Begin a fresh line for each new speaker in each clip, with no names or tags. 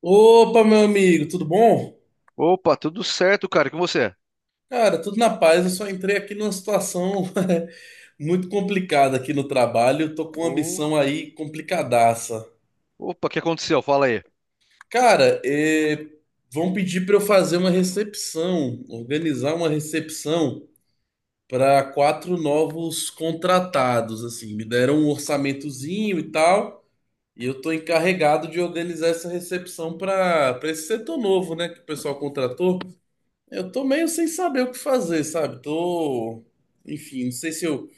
Opa, meu amigo, tudo bom?
Opa, tudo certo, cara? E com você?
Cara, tudo na paz. Eu só entrei aqui numa situação muito complicada aqui no trabalho. Eu tô com uma
Ô,
missão aí complicadaça.
opa, o que aconteceu? Fala aí.
Cara, vão pedir para eu fazer uma recepção, organizar uma recepção para quatro novos contratados. Assim, me deram um orçamentozinho e tal, e eu tô encarregado de organizar essa recepção para esse setor novo, né, que o pessoal contratou. Eu tô meio sem saber o que fazer, sabe? Tô, enfim, não sei se eu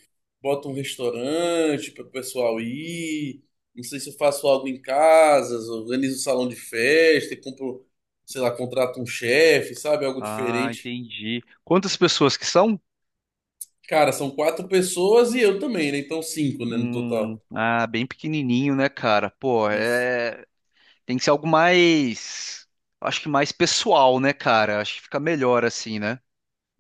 boto um restaurante para o pessoal ir, não sei se eu faço algo em casa, organizo um salão de festa e compro, sei lá, contrato um chefe, sabe? Algo
Ah,
diferente.
entendi. Quantas pessoas que são?
Cara, são quatro pessoas e eu também, né? Então cinco, né, no total.
Ah, bem pequenininho, né, cara? Pô,
Isso.
é, tem que ser algo mais, acho que mais pessoal, né, cara? Acho que fica melhor assim, né?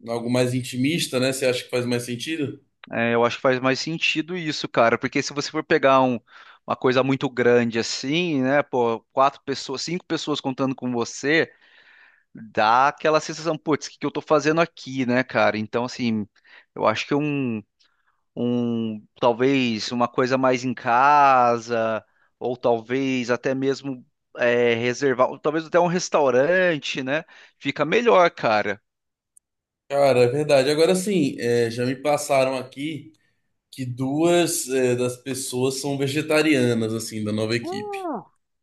Algo mais intimista, né? Você acha que faz mais sentido?
É, eu acho que faz mais sentido isso, cara, porque se você for pegar uma coisa muito grande assim, né, pô, quatro pessoas, cinco pessoas contando com você, dá aquela sensação, putz, o que que eu tô fazendo aqui, né, cara? Então, assim, eu acho que talvez uma coisa mais em casa, ou talvez até mesmo reservar, ou talvez até um restaurante, né? Fica melhor, cara.
Cara, é verdade. Agora sim, é, já me passaram aqui que duas das pessoas são vegetarianas, assim, da nova equipe.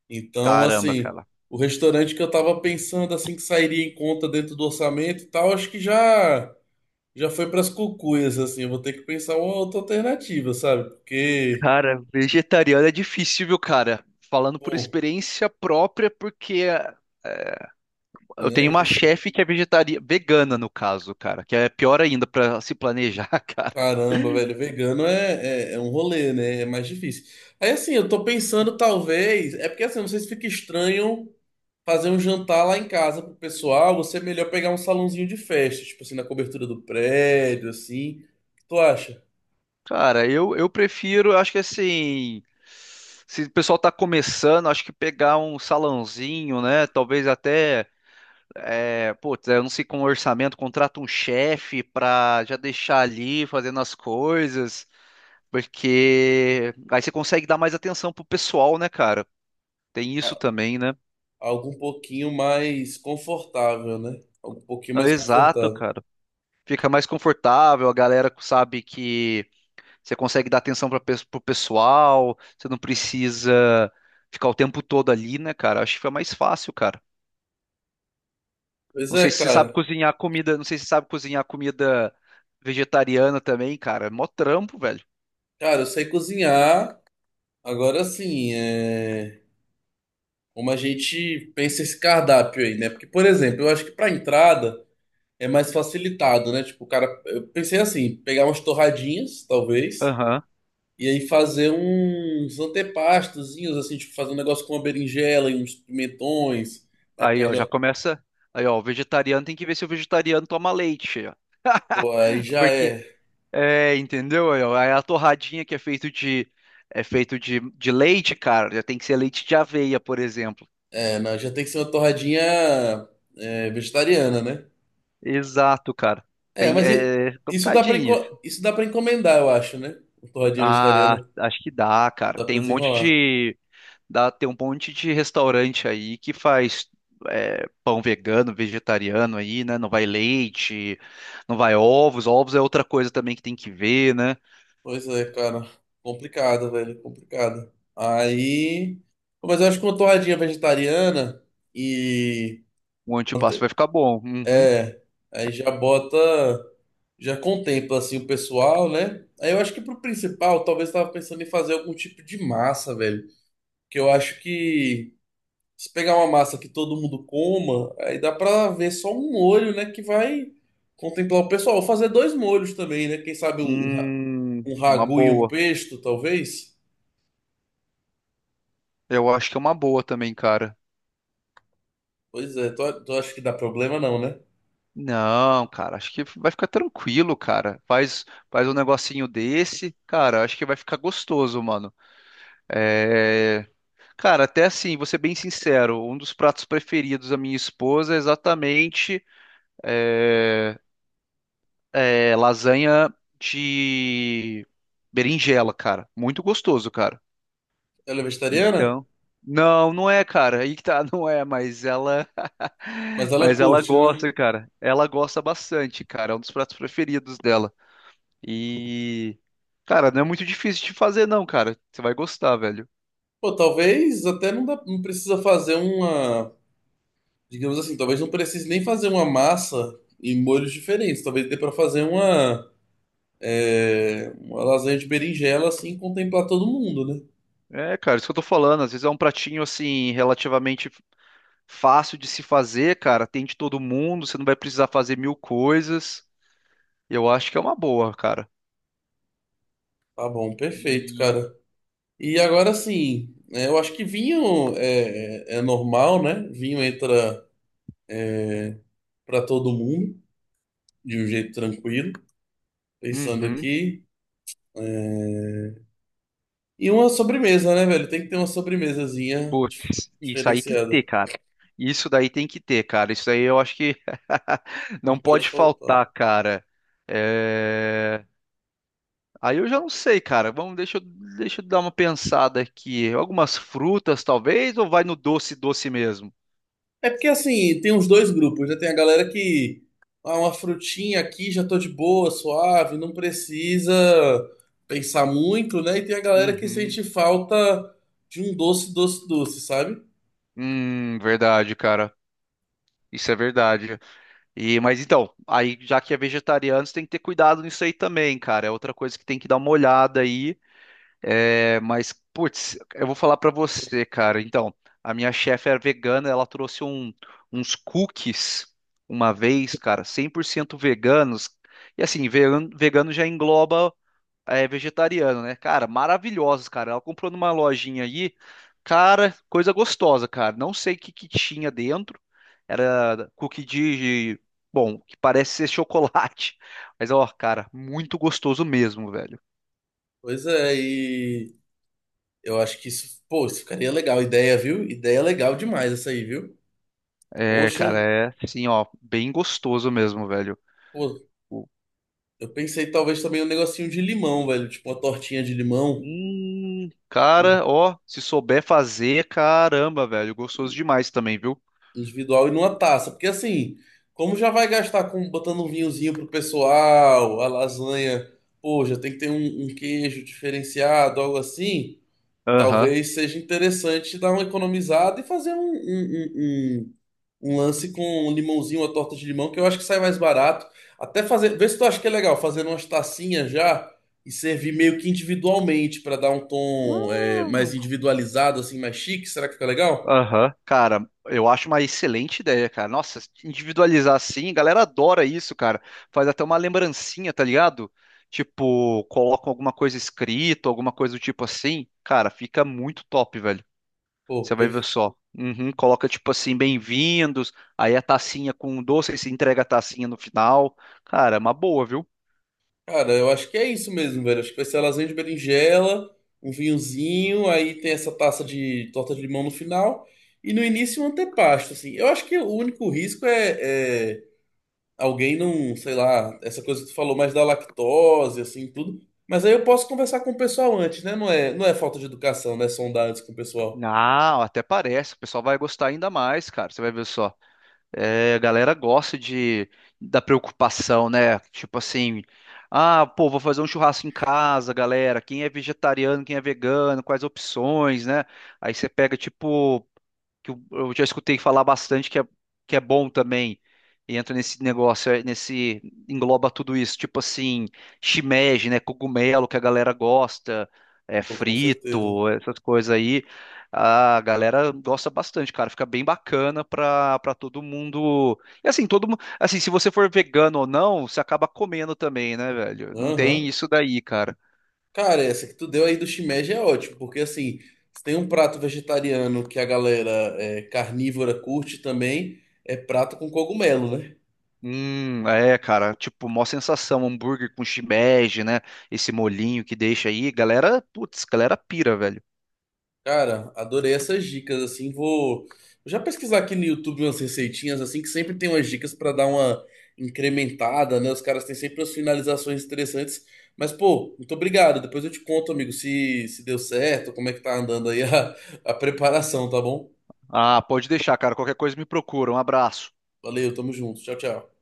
Então,
Caramba,
assim,
cara.
o restaurante que eu tava pensando, assim, que sairia em conta dentro do orçamento e tal, acho que já foi pras cucuias, assim. Eu vou ter que pensar uma outra alternativa, sabe? Porque,
Cara, vegetariano é difícil, viu, cara? Falando por
pô,
experiência própria, porque eu
não
tenho
é
uma
isso.
chefe que é vegetariana, vegana no caso, cara, que é pior ainda pra se planejar, cara.
Caramba, velho, vegano é um rolê, né? É mais difícil. Aí, assim, eu tô pensando, talvez. É porque, assim, eu não sei se fica estranho fazer um jantar lá em casa pro pessoal, você é melhor pegar um salãozinho de festa, tipo assim, na cobertura do prédio, assim. O que tu acha?
Cara, eu prefiro, acho que assim, se o pessoal tá começando, acho que pegar um salãozinho, né? Talvez até, é, putz, eu não sei com orçamento, contrata um chefe pra já deixar ali fazendo as coisas, porque aí você consegue dar mais atenção pro pessoal, né, cara? Tem isso
A-
também, né?
Algo um pouquinho mais confortável, né? Algo um pouquinho
Ah,
mais
exato,
confortável.
cara. Fica mais confortável, a galera sabe que. Você consegue dar atenção para o pessoal, você não precisa ficar o tempo todo ali, né, cara? Acho que foi mais fácil, cara.
Pois
Não
é,
sei se você sabe
cara.
cozinhar comida, não sei se você sabe cozinhar comida vegetariana também, cara. É mó trampo, velho.
Cara, eu sei cozinhar. Agora sim, como a gente pensa esse cardápio aí, né? Porque, por exemplo, eu acho que pra entrada é mais facilitado, né? Tipo, o cara, eu pensei assim, pegar umas torradinhas, talvez.
Aham.
E aí fazer uns antepastozinhos, assim, tipo, fazer um negócio com uma berinjela e uns pimentões. Aí
Aí, ó, já
pega,
começa. Aí, ó, o vegetariano tem que ver se o vegetariano toma leite, ó.
pô, aí já
Porque,
é.
é, entendeu? Aí, ó, aí a torradinha que é feito de é feito de leite, cara, já tem que ser leite de aveia, por exemplo.
É, não, já tem que ser uma torradinha, vegetariana, né?
Exato, cara.
É,
Tem,
mas
é
isso dá pra,
complicadinho.
isso dá pra encomendar, eu acho, né? Uma torradinha
Ah,
vegetariana.
acho que dá, cara.
Dá pra
Tem um monte
desenrolar.
de. Dá, tem um monte de restaurante aí que faz pão vegano, vegetariano aí, né? Não vai leite, não vai ovos. Ovos é outra coisa também que tem que ver, né?
Pois é, cara. Complicado, velho. Complicado. Aí, pô, mas eu acho que uma torradinha vegetariana e.
O antipasto vai ficar bom. Uhum.
É. Aí já bota, já contempla assim o pessoal, né? Aí eu acho que pro principal, talvez eu tava pensando em fazer algum tipo de massa, velho. Que eu acho que se pegar uma massa que todo mundo coma, aí dá pra ver só um molho, né? Que vai contemplar o pessoal. Ou fazer dois molhos também, né? Quem sabe um um
Uma
ragu e um
boa.
pesto, talvez?
Eu acho que é uma boa também, cara.
Pois é, tu, tu acha que dá problema não, né?
Não, cara, acho que vai ficar tranquilo, cara. Faz, faz um negocinho desse, cara, acho que vai ficar gostoso, mano. É. Cara, até assim, vou ser bem sincero, um dos pratos preferidos da minha esposa é exatamente é, lasanha de berinjela, cara. Muito gostoso, cara.
Ela é vegetariana?
Então, não, não é, cara. Aí que tá, não é, mas ela,
Mas ela
mas ela
curte, né?
gosta, cara. Ela gosta bastante, cara. É um dos pratos preferidos dela. E, cara, não é muito difícil de fazer, não, cara. Você vai gostar, velho.
Pô, talvez até não, dá, não precisa fazer uma. Digamos assim, talvez não precise nem fazer uma massa em molhos diferentes. Talvez dê pra fazer uma, uma lasanha de berinjela, assim, e contemplar todo mundo, né?
É, cara, isso que eu tô falando. Às vezes é um pratinho assim relativamente fácil de se fazer, cara. Tem de todo mundo, você não vai precisar fazer mil coisas. Eu acho que é uma boa, cara.
Tá bom, perfeito,
E.
cara. E agora sim, é, eu acho que vinho é normal, né? Vinho entra pra todo mundo de um jeito tranquilo. Pensando
Uhum.
aqui, é, e uma sobremesa, né, velho? Tem que ter uma sobremesazinha
Putz, isso aí tem que
diferenciada.
ter, cara. Isso daí tem que ter, cara. Isso aí eu acho que
Não
não
pode
pode
faltar.
faltar, cara. É... Aí eu já não sei, cara. Vamos, deixa eu dar uma pensada aqui. Algumas frutas, talvez, ou vai no doce, doce mesmo?
É porque assim, tem uns dois grupos, já tem a galera que ah, uma frutinha aqui, já tô de boa, suave, não precisa pensar muito, né? E tem a galera que
Uhum.
sente falta de um doce, doce, doce, sabe?
Verdade, cara. Isso é verdade. E, mas então, aí já que é vegetariano, você tem que ter cuidado nisso aí também, cara. É outra coisa que tem que dar uma olhada aí. É, mas, putz, eu vou falar pra você, cara. Então, a minha chefe era vegana, ela trouxe uns cookies uma vez, cara, 100% veganos. E assim, vegano já engloba é vegetariano, né? Cara, maravilhosos, cara. Ela comprou numa lojinha aí, cara, coisa gostosa, cara. Não sei o que que tinha dentro. Era cookie de, bom, que parece ser chocolate. Mas ó, cara, muito gostoso mesmo, velho.
Pois é, e eu acho que isso, pô, isso ficaria legal, ideia, viu? Ideia legal demais essa aí, viu?
É, cara,
Poxa,
é assim, ó, bem gostoso mesmo, velho.
pô,
O-
eu pensei talvez também um negocinho de limão, velho, tipo uma tortinha de limão
Cara, ó, se souber fazer, caramba, velho, gostoso demais também, viu?
individual e numa taça. Porque assim, como já vai gastar com botando um vinhozinho pro pessoal, a lasanha, pô, já tem que ter um queijo diferenciado, algo assim.
Aham.
Talvez seja interessante dar uma economizada e fazer um lance com um limãozinho, uma torta de limão, que eu acho que sai mais barato. Até fazer, vê se tu acha que é legal, fazer umas tacinhas já e servir meio que individualmente para dar um tom, mais individualizado, assim, mais chique. Será que fica legal?
Aham, cara, eu acho uma excelente ideia, cara. Nossa, individualizar assim, a galera adora isso, cara. Faz até uma lembrancinha, tá ligado? Tipo, colocam alguma coisa escrita, alguma coisa do tipo assim. Cara, fica muito top, velho.
Pô,
Você vai ver
perfeito.
só. Uhum, coloca tipo assim, bem-vindos, aí a tacinha com doce, aí se entrega a tacinha no final. Cara, é uma boa, viu?
Cara, eu acho que é isso mesmo, velho. Acho que vai ser lasanha de berinjela, um vinhozinho, aí tem essa taça de torta de limão no final, e no início um antepasto, assim. Eu acho que o único risco é alguém não, sei lá, essa coisa que tu falou mais da lactose, assim, tudo. Mas aí eu posso conversar com o pessoal antes, né? Não é falta de educação, né? Sondar antes com o pessoal.
Não, até parece. O pessoal vai gostar ainda mais, cara. Você vai ver só. É, a galera gosta de da preocupação, né? Tipo assim, ah, pô, vou fazer um churrasco em casa, galera. Quem é vegetariano, quem é vegano, quais opções, né? Aí você pega, tipo que eu já escutei falar bastante que é bom também. E entra nesse negócio, é, nesse engloba tudo isso, tipo assim, shimeji, né, cogumelo que a galera gosta, é
Pô, com certeza.
frito, essas coisas aí. A galera gosta bastante, cara, fica bem bacana pra todo mundo. E assim, todo mundo, assim, se você for vegano ou não, você acaba comendo também, né, velho? Não tem
Aham.
isso daí, cara.
Cara, essa que tu deu aí do shimeji é ótimo, porque assim, se tem um prato vegetariano que a galera, carnívora, curte também, é prato com cogumelo, né?
É, cara, tipo, mó sensação, hambúrguer com shimeji, né? Esse molinho que deixa aí, galera, putz, galera pira, velho.
Cara, adorei essas dicas, assim, vou já pesquisar aqui no YouTube umas receitinhas, assim, que sempre tem umas dicas pra dar uma incrementada, né? Os caras têm sempre umas finalizações interessantes, mas pô, muito obrigado, depois eu te conto, amigo, se deu certo, como é que tá andando aí a preparação, tá bom?
Ah, pode deixar, cara, qualquer coisa me procura. Um abraço.
Valeu, tamo junto, tchau, tchau.